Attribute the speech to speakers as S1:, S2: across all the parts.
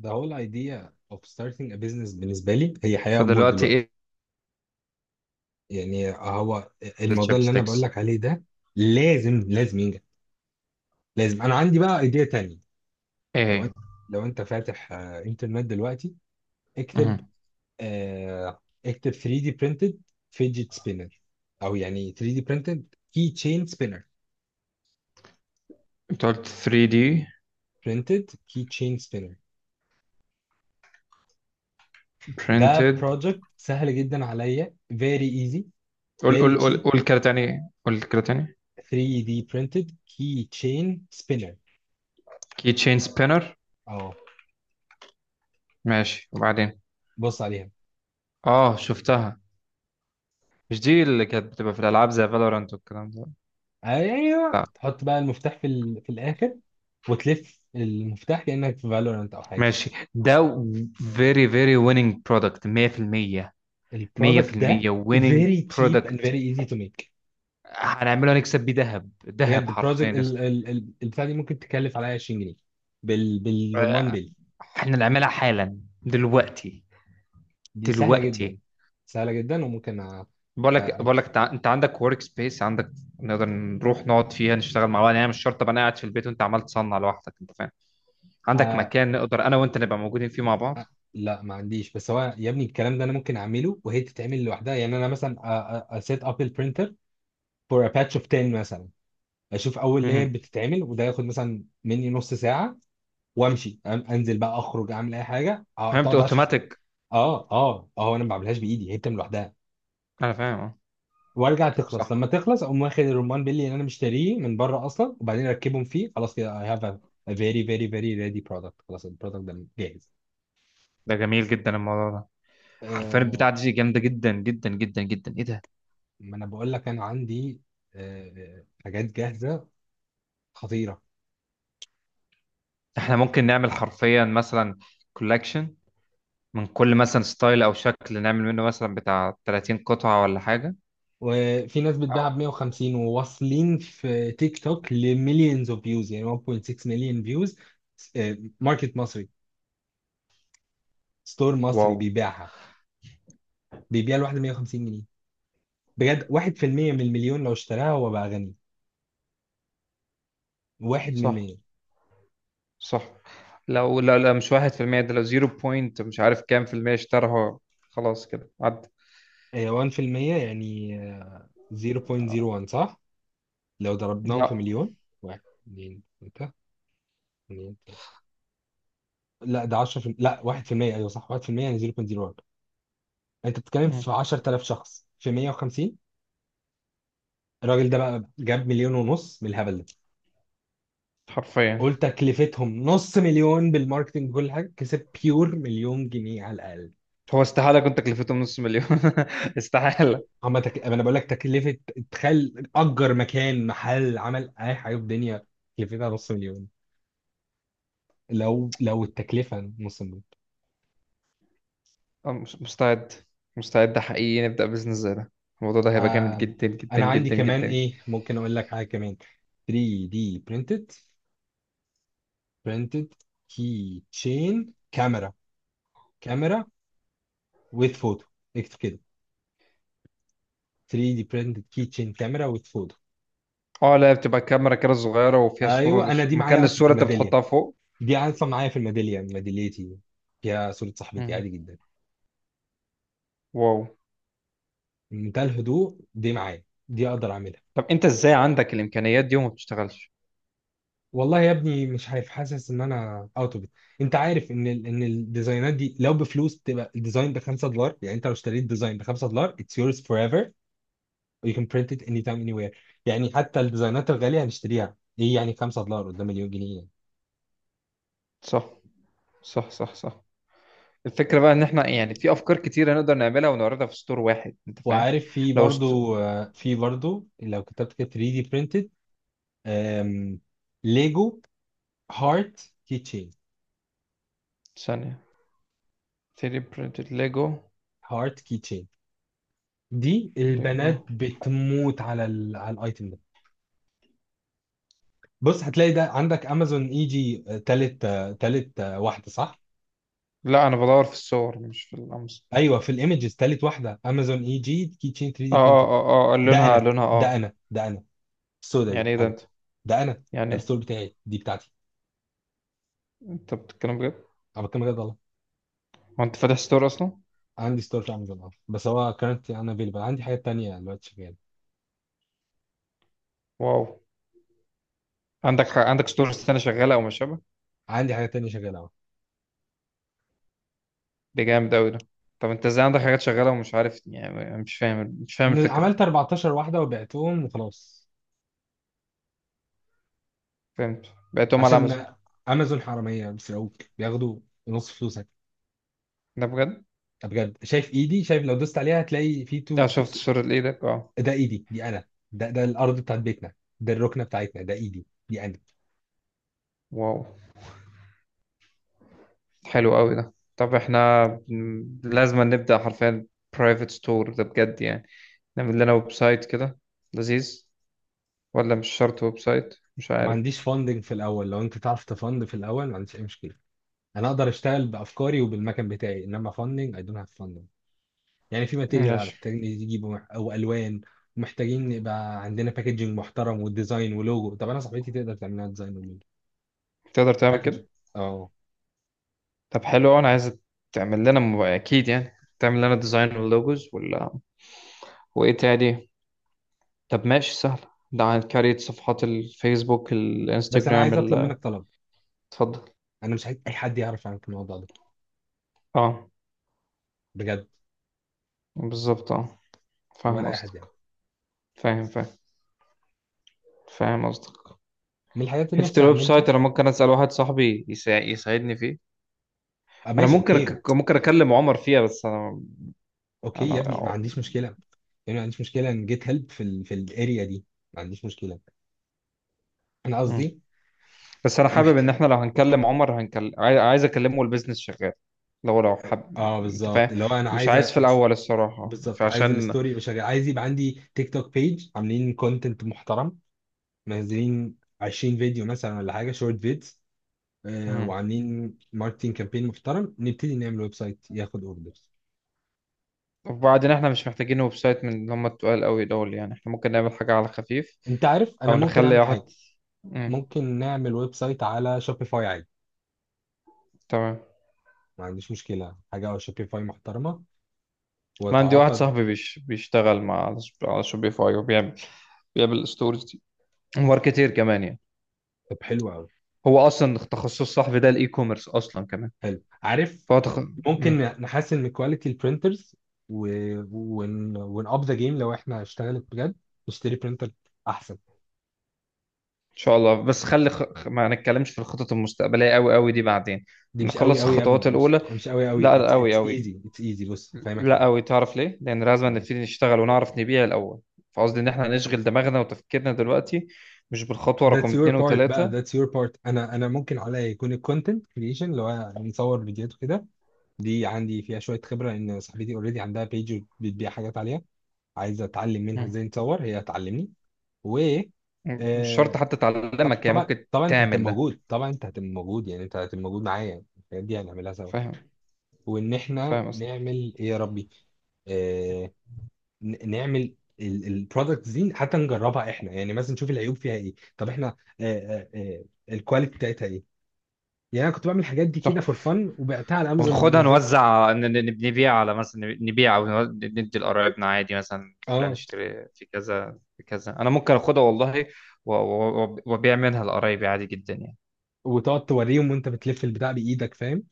S1: The whole idea of starting a business بالنسبة لي هي حياة وموت
S2: فدلوقتي
S1: دلوقتي.
S2: ايه؟
S1: يعني هو الموضوع اللي أنا بقول
S2: الشيبستكس؟
S1: لك عليه ده لازم ينجح. لازم. أنا عندي بقى ايديا تانية.
S2: ايه
S1: لو
S2: هي؟
S1: أنت لو أنت فاتح إنترنت دلوقتي اكتب.
S2: مهم.
S1: اكتب 3D printed fidget spinner، أو يعني 3D printed key chain spinner
S2: انت قلت 3D
S1: printed key chain spinner. ده
S2: printed؟
S1: project سهل جدا عليا، very easy،
S2: قول
S1: very
S2: قول قول
S1: cheap.
S2: قول كده تاني، قول كده تاني.
S1: 3D printed key chain spinner.
S2: كي تشين سبينر.
S1: اه،
S2: ماشي، وبعدين؟
S1: بص عليها.
S2: اه، شفتها. مش دي اللي كانت بتبقى في الالعاب زي فالورانت والكلام ده؟
S1: ايوه،
S2: لا.
S1: تحط بقى المفتاح في في الاخر، وتلف المفتاح كانك في فالورانت او حاجه.
S2: ماشي. ده فيري فيري winning product، 100%.
S1: البرودكت ده
S2: 100% winning
S1: very cheap
S2: product.
S1: and very easy to make.
S2: هنعمله، نكسب بيه ذهب ذهب
S1: بجد
S2: حرفيا
S1: البروجكت
S2: يا اسطى.
S1: البتاع دي ممكن تكلف عليا 20 جنيه بالرمان
S2: آه،
S1: بيل.
S2: احنا نعملها حالا دلوقتي،
S1: دي سهله
S2: دلوقتي.
S1: جدا. سهله جدا وممكن
S2: بقول لك
S1: أ...
S2: بقول لك انت عندك ورك سبيس، عندك نقدر نروح نقعد فيها نشتغل مع بعض. يعني مش شرط ابقى انا قاعد في البيت وانت عمال تصنع لوحدك، انت فاهم؟ عندك
S1: أ...
S2: مكان نقدر انا وانت نبقى موجودين فيه مع بعض.
S1: أ... لا، ما عنديش. بس هو يا ابني الكلام ده انا ممكن اعمله وهي تتعمل لوحدها. يعني انا مثلا set up البرينتر for a patch of 10 مثلا، اشوف اول لاير
S2: مهم.
S1: بتتعمل، وده ياخد مثلا مني نص ساعه وامشي. انزل بقى، اخرج، اعمل اي حاجه.
S2: فهمت،
S1: تقعد 10 ساعات.
S2: اوتوماتيك.
S1: اه اه اه، انا ما بعملهاش بايدي، هي بتعمل لوحدها.
S2: انا فاهم، اه.
S1: وارجع
S2: صح.
S1: تخلص، لما تخلص اقوم واخد الرمان بيلي اللي انا مشتريه من بره اصلا، وبعدين اركبهم فيه. خلاص كده، I have a very very very ready product. خلاص البرودكت ده جاهز.
S2: ده جميل جدا الموضوع ده. حرفيا البتاع
S1: آه
S2: دي جامده جدا جدا جدا جدا، ايه ده؟
S1: ما انا بقول لك انا عندي حاجات جاهزه خطيره.
S2: احنا ممكن نعمل حرفيا مثلا كولكشن من كل مثلا ستايل او شكل، نعمل منه مثلا بتاع 30 قطعه ولا حاجه.
S1: وفي ناس بتبيعها ب
S2: أو-
S1: 150، وواصلين في تيك توك لمليونز اوف فيوز، يعني 1.6 مليون فيوز. ماركت مصري، ستور مصري
S2: واو.
S1: بيبيعها، بيبيع الواحدة 150 جنيه. بجد 1% من المليون لو اشتراها هو بقى غني. 1 من
S2: صح،
S1: 100.
S2: صح. لو لا لا مش واحد في المية ده، لو زيرو بوينت مش عارف كام في المية اشتراها خلاص كده عدى.
S1: 1% يعني 0.01، صح؟ لو ضربناهم في
S2: لا.
S1: مليون، 1، 2، 3. لا، ده 10 في... لا، 1%. ايوه صح، 1% يعني 0.01. انت بتتكلم
S2: مم.
S1: في 10,000 شخص في 150. الراجل ده بقى جاب مليون ونص من الهبل ده.
S2: حرفيا.
S1: قلت تكلفتهم نص مليون بالماركتنج كل حاجه، كسب بيور مليون جنيه على الاقل.
S2: هو استحالة كنت أكلفته من نص مليون استحالة.
S1: اما تك... أما انا بقول لك تكلفه، تخيل اجر مكان، محل، عمل، اي حاجه في الدنيا تكلفتها نص مليون. لو لو التكلفه نص مليون.
S2: أه، مش- مستعد، مستعد حقيقي نبدأ بزنس زي ده. الموضوع ده هيبقى جامد
S1: آه...
S2: جدا جدا
S1: انا عندي
S2: جدا
S1: كمان
S2: جدا.
S1: ايه، ممكن اقول لك حاجه كمان. 3D printed printed key chain كاميرا. كاميرا with photo. اكتب كده، 3D printed keychain كاميرا with photo.
S2: اه لا، بتبقى كاميرا كده صغيرة وفيها صورة،
S1: ايوه، انا دي معايا
S2: مكان
S1: اصلا في
S2: الصورة انت
S1: الميداليه.
S2: بتحطها فوق.
S1: دي اصلا معايا في الميداليه، ميداليتي فيها صوره صاحبتي،
S2: مم.
S1: عادي جدا.
S2: واو.
S1: منتهى الهدوء. دي معايا، دي اقدر اعملها.
S2: طب انت ازاي عندك الامكانيات دي وما بتشتغلش؟
S1: والله يا ابني مش عارف، حاسس ان انا اوت اوف. انت عارف ان ان الديزاينات دي لو بفلوس تبقى الديزاين ب 5 دولار. يعني انت لو اشتريت ديزاين ب 5 دولار it's yours forever, you can print it anytime anywhere. يعني حتى الديزاينات الغاليه هنشتريها، ايه يعني 5 دولار قدام مليون جنيه؟ يعني.
S2: صح، صح، صح، صح. الفكرة بقى ان احنا يعني في افكار كتيرة نقدر نعملها ونعرضها في ستور واحد، انت فاهم؟
S1: وعارف، في
S2: لو است...
S1: برضو في برضو لو كتبت كده 3D printed أم... ليجو هارت كيتشين.
S2: ثانية. 3D printed ليجو.
S1: هارت كيتشين. دي
S2: ليجو.
S1: البنات بتموت على على الايتم ده. بص، هتلاقي ده عندك امازون اي جي، تالت، تالت، واحده، صح.
S2: لا انا بدور في الصور، مش في الامس.
S1: ايوه، في الايمجز تالت واحده امازون اي جي كيتشين 3
S2: اه
S1: دي
S2: اه
S1: برينتد.
S2: اه اه،
S1: ده
S2: لونها،
S1: انا،
S2: لونها
S1: ده
S2: اه.
S1: انا، ده انا. السودا
S2: يعني
S1: دي
S2: ايه ده
S1: انا.
S2: انت؟
S1: ده انا.
S2: يعني
S1: ده
S2: إيه؟
S1: الستور بتاعي، دي بتاعتي.
S2: انت بتتكلم بجد؟
S1: انا بتكلم بجد والله.
S2: هو انت فاتح ستور اصلا؟
S1: عندي ستور في امازون، اه، بس هو كانت انا افيلبل. عندي حاجات تانية دلوقتي شغاله.
S2: واو. عندك ستور السنة شغالة او مش شبه؟
S1: عندي حاجات تانية شغاله.
S2: ده جامد قوي ده. طب انت ازاي عندك حاجات شغالة ومش عارف؟ يعني مش فاهم، مش فاهم الفكرة.
S1: عملت 14 واحدة وبعتهم وخلاص.
S2: فهمت، بعتهم على امازون.
S1: عشان امازون حرامية، بيسرقوك، بياخدوا نص فلوسك.
S2: ده بجد؟
S1: ده بجد. شايف ايدي؟ شايف لو دوست عليها هتلاقي في تو,
S2: اه
S1: تو.
S2: شفت صورة ايدك، اه.
S1: ده ايدي، دي انا. ده ده الارض بتاعت بيتنا. ده الركنة بتاعتنا، ده ايدي، دي انا.
S2: واو. حلو قوي ده. لازم نبدأ حرفيا برايفت ستور ده بجد يعني. نعمل لنا ويب سايت كده، لذيذ. ولا مش شرط ويب سايت، مش
S1: ما
S2: عارف.
S1: عنديش فاندنج في الاول، لو انت تعرف تفند في الاول ما عنديش اي مشكلة. انا اقدر اشتغل بافكاري وبالمكان بتاعي، انما فاندنج، اي دونت هاف فاندنج. يعني في ماتيريال
S2: ماشي.
S1: محتاجين يجيبوا، او الوان، ومحتاجين يبقى عندنا باكجينج محترم وديزاين ولوجو. طب انا صاحبتي تقدر تعمل لنا ديزاين
S2: تقدر تعمل
S1: باكج.
S2: كده؟
S1: اه.
S2: طب حلو أوي، انا عايز اكيد يعني تعمل لنا ديزاين واللوجوز ولا. وايه تاني؟ طب ماشي، سهل. ده عن كارية صفحات الفيسبوك،
S1: بس انا
S2: الانستجرام،
S1: عايز اطلب منك طلب.
S2: اتفضل.
S1: انا مش عايز اي حد يعرف عنك الموضوع ده.
S2: اه،
S1: بجد.
S2: بالظبط، اه.
S1: ولا
S2: فاهم
S1: اي حد
S2: قصدك.
S1: يعرف.
S2: فاهم. فاهم. فاهم قصدك.
S1: من الحاجات اللي
S2: حتة
S1: نفسي
S2: الويب سايت
S1: اعملها.
S2: أنا ممكن أسأل واحد صاحبي يساعدني فيه.
S1: آه
S2: أنا
S1: ماشي، اوكي.
S2: ممكن أكلم عمر فيها، بس أنا
S1: اوكي
S2: أنا.
S1: يا ابني، ما عنديش مشكله. يعني ما عنديش مشكله ان جيت هيلب في ال في الاريا دي. ما عنديش مشكله. انا
S2: مم.
S1: قصدي.
S2: بس أنا
S1: أنا
S2: حابب إن
S1: محتاج.
S2: إحنا لو هنكلم عمر هنكلم، عايز أكلمه والبيزنس شغال. لو حب،
S1: اه،
S2: أنت فاهم.
S1: بالظبط، اللي هو انا
S2: مش
S1: عايز
S2: عايز في الأول، الصراحة،
S1: بالظبط. عايز
S2: فعشان.
S1: الستوري يبقى شغال، عايز يبقى عندي تيك توك بيج عاملين كونتنت محترم، منزلين 20 فيديو مثلا ولا حاجه، شورت فيديو.
S2: مم.
S1: وعاملين ماركتينج كامبين محترم، نبتدي نعمل ويب سايت ياخد اوردرز.
S2: وبعدين إحنا مش محتاجين ويب سايت من اللي هم التقال قوي دول، يعني إحنا ممكن نعمل حاجة على خفيف،
S1: انت عارف، انا
S2: أو
S1: ممكن
S2: نخلي
S1: اعمل حاجه.
S2: واحد. مم.
S1: ممكن نعمل ويب سايت على شوبيفاي عادي.
S2: تمام.
S1: ما عنديش مشكله، حاجه على شوبيفاي محترمه.
S2: أنا عندي واحد
S1: واتعاقد.
S2: صاحبي بيشتغل مع، على شوبيفاي، وبيعمل، بيعمل ستورز. ماركتير كمان يعني،
S1: طب حلو قوي.
S2: هو اصلا تخصص صاحبي ده، الاي كوميرس اصلا كمان.
S1: حلو، عارف،
S2: فهو تخ...
S1: ممكن
S2: مم.
S1: نحسن من كواليتي البرنترز و... ون اب ذا جيم، لو احنا اشتغلت بجد نشتري برنتر احسن.
S2: ان شاء الله، بس خلي ما نتكلمش في الخطط المستقبليه قوي قوي دي بعدين،
S1: دي مش قوي
S2: نخلص
S1: قوي يا ابني،
S2: الخطوات
S1: مش
S2: الاولى.
S1: مش قوي قوي،
S2: لا، قوي
S1: اتس
S2: قوي.
S1: ايزي، اتس ايزي. بص هفهمك
S2: لا
S1: حاجه.
S2: قوي، تعرف ليه؟ لان لازم نبتدي نشتغل ونعرف نبيع الاول. فقصدي ان احنا نشغل دماغنا وتفكيرنا دلوقتي، مش بالخطوه
S1: that's
S2: رقم
S1: your
S2: اتنين
S1: part بقى،
S2: وتلاته.
S1: that's your part، انا ممكن عليا يكون الكونتنت كريشن، اللي هو نصور فيديوهات وكده. دي عندي فيها شويه خبره، ان صاحبتي اوريدي عندها بيج بتبيع حاجات عليها، عايزه اتعلم منها
S2: مم.
S1: ازاي نصور، هي هتعلمني. و.
S2: مش شرط
S1: آه،
S2: حتى
S1: طب
S2: تعلمك هي،
S1: طبعا
S2: ممكن
S1: طبعا انت هتبقى
S2: تعمل ده.
S1: موجود، طبعا انت هتبقى موجود، يعني انت هتبقى موجود معايا، الحاجات دي هنعملها سوا.
S2: فاهم،
S1: وان احنا
S2: فاهم اصلا.
S1: نعمل ايه يا ربي. آه، نعمل البرودكت دي حتى نجربها احنا، يعني مثلا نشوف العيوب فيها ايه، طب احنا الكواليتي بتاعتها ايه. يعني انا كنت بعمل الحاجات دي
S2: صح.
S1: كده فور فن وبعتها على امازون،
S2: وناخدها
S1: نزلت.
S2: نوزع، نبيع، على مثلا نبيع، او ندي لقرايبنا عادي، مثلا فلان
S1: اه.
S2: اشتري في كذا في كذا، انا ممكن اخدها والله، وابيع منها لقرايبي عادي جدا يعني.
S1: وتقعد توريهم وانت بتلف البتاع بايدك، فاهم؟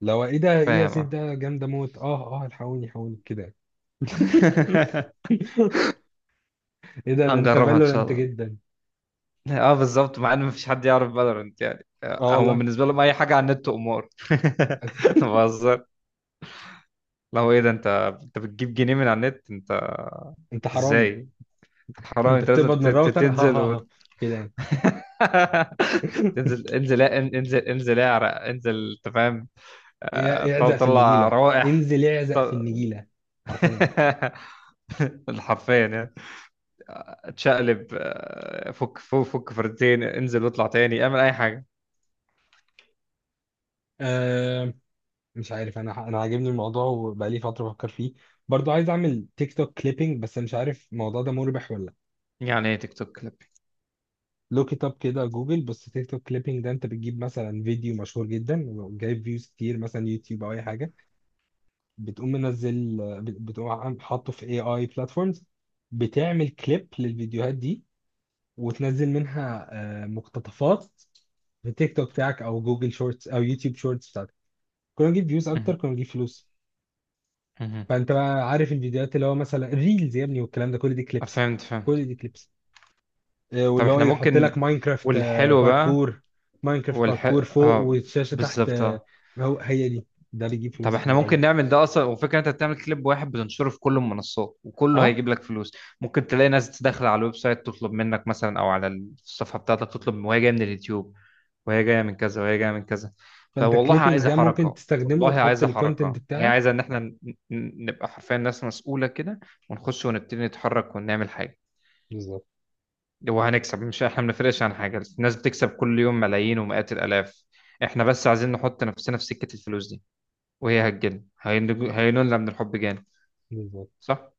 S1: لو ايه ده؟ ايه يا
S2: فاهم،
S1: سيف
S2: اه.
S1: ده، جامده موت، اه اه، الحقوني الحقوني كده. ايه ده ده؟ انت
S2: هنجربها ان شاء
S1: فالورنت
S2: الله.
S1: جدا.
S2: اه بالظبط، مع ان مفيش حد يعرف فالورنت يعني.
S1: اه
S2: هم
S1: والله.
S2: بالنسبه لهم اي حاجه على النت امور. بهزر. لو ايه ده انت، انت بتجيب جنيه من على النت انت؟
S1: انت حرامي.
S2: ازاي؟ حرام،
S1: انت
S2: انت لازم
S1: بتقبض من الراوتر، ها ها ها،
S2: تنزل.
S1: كده يعني.
S2: انزل، انزل، انزل، انزل، اعرق، انزل، انت فاهم؟
S1: اعزق في
S2: طلع
S1: النجيله،
S2: روائح.
S1: انزل اعزق في
S2: طل-
S1: النجيله. حرفيا.
S2: حرفيا يعني، اتشقلب، فك فردتين، انزل واطلع تاني، اعمل اي حاجه.
S1: أه، مش عارف، انا عاجبني الموضوع وبقالي فتره بفكر فيه. برضو عايز اعمل تيك توك كليبنج، بس مش عارف الموضوع ده مربح ولا لا.
S2: يعني ايه تيك توك كليب؟
S1: لوك ات اب كده جوجل، بص. تيك توك كليبنج ده، انت بتجيب مثلا فيديو مشهور جدا وجايب فيوز كتير، مثلا يوتيوب او اي حاجه، بتقوم منزل، بتقوم حاطه في اي بلاتفورمز، بتعمل كليب للفيديوهات دي، وتنزل منها مقتطفات في تيك توك بتاعك او جوجل شورتس او يوتيوب شورتس بتاعتك. كنا نجيب فيوز اكتر،
S2: مهم.
S1: كنا نجيب فلوس.
S2: مهم.
S1: فانت بقى عارف الفيديوهات اللي هو مثلا الريلز يا ابني والكلام ده، كل دي كليبس.
S2: فهمت، فهمت.
S1: كل دي كليبس.
S2: طب
S1: واللي هو
S2: احنا
S1: يحط لك
S2: ممكن،
S1: ماينكرافت،
S2: والحلو بقى،
S1: باركور. ماينكرافت
S2: والح
S1: باركور فوق
S2: اه،
S1: والشاشه تحت.
S2: بالظبط آه.
S1: هو هي دي. ده بيجيب
S2: طب
S1: فلوس
S2: احنا
S1: كتير
S2: ممكن
S1: قوي.
S2: نعمل ده اصلا، وفكرة انت بتعمل كليب واحد بتنشره في كل المنصات وكله
S1: اه.
S2: هيجيب لك فلوس. ممكن تلاقي ناس داخلة على الويب سايت تطلب منك مثلا، او على الصفحة بتاعتك تطلب، وهي جاية من اليوتيوب، وهي جاية من كذا، وهي جاية من كذا.
S1: فانت
S2: فوالله
S1: الكليبنج
S2: عايزة
S1: ده ممكن
S2: حركة،
S1: تستخدمه
S2: والله
S1: وتحط
S2: عايزة
S1: الكونتنت
S2: حركة، هي
S1: بتاعك.
S2: عايزة ان احنا نبقى حرفيا ناس مسؤولة كده، ونخش ونبتدي نتحرك ونعمل حاجة.
S1: بالظبط.
S2: وهنكسب، مش احنا بنفرقش عن حاجة، الناس بتكسب كل يوم ملايين ومئات الالاف. احنا بس عايزين نحط نفسنا في سكة الفلوس دي، وهي هتجن هينول هينولنا من الحب جانب.
S1: بالظبط.
S2: صح؟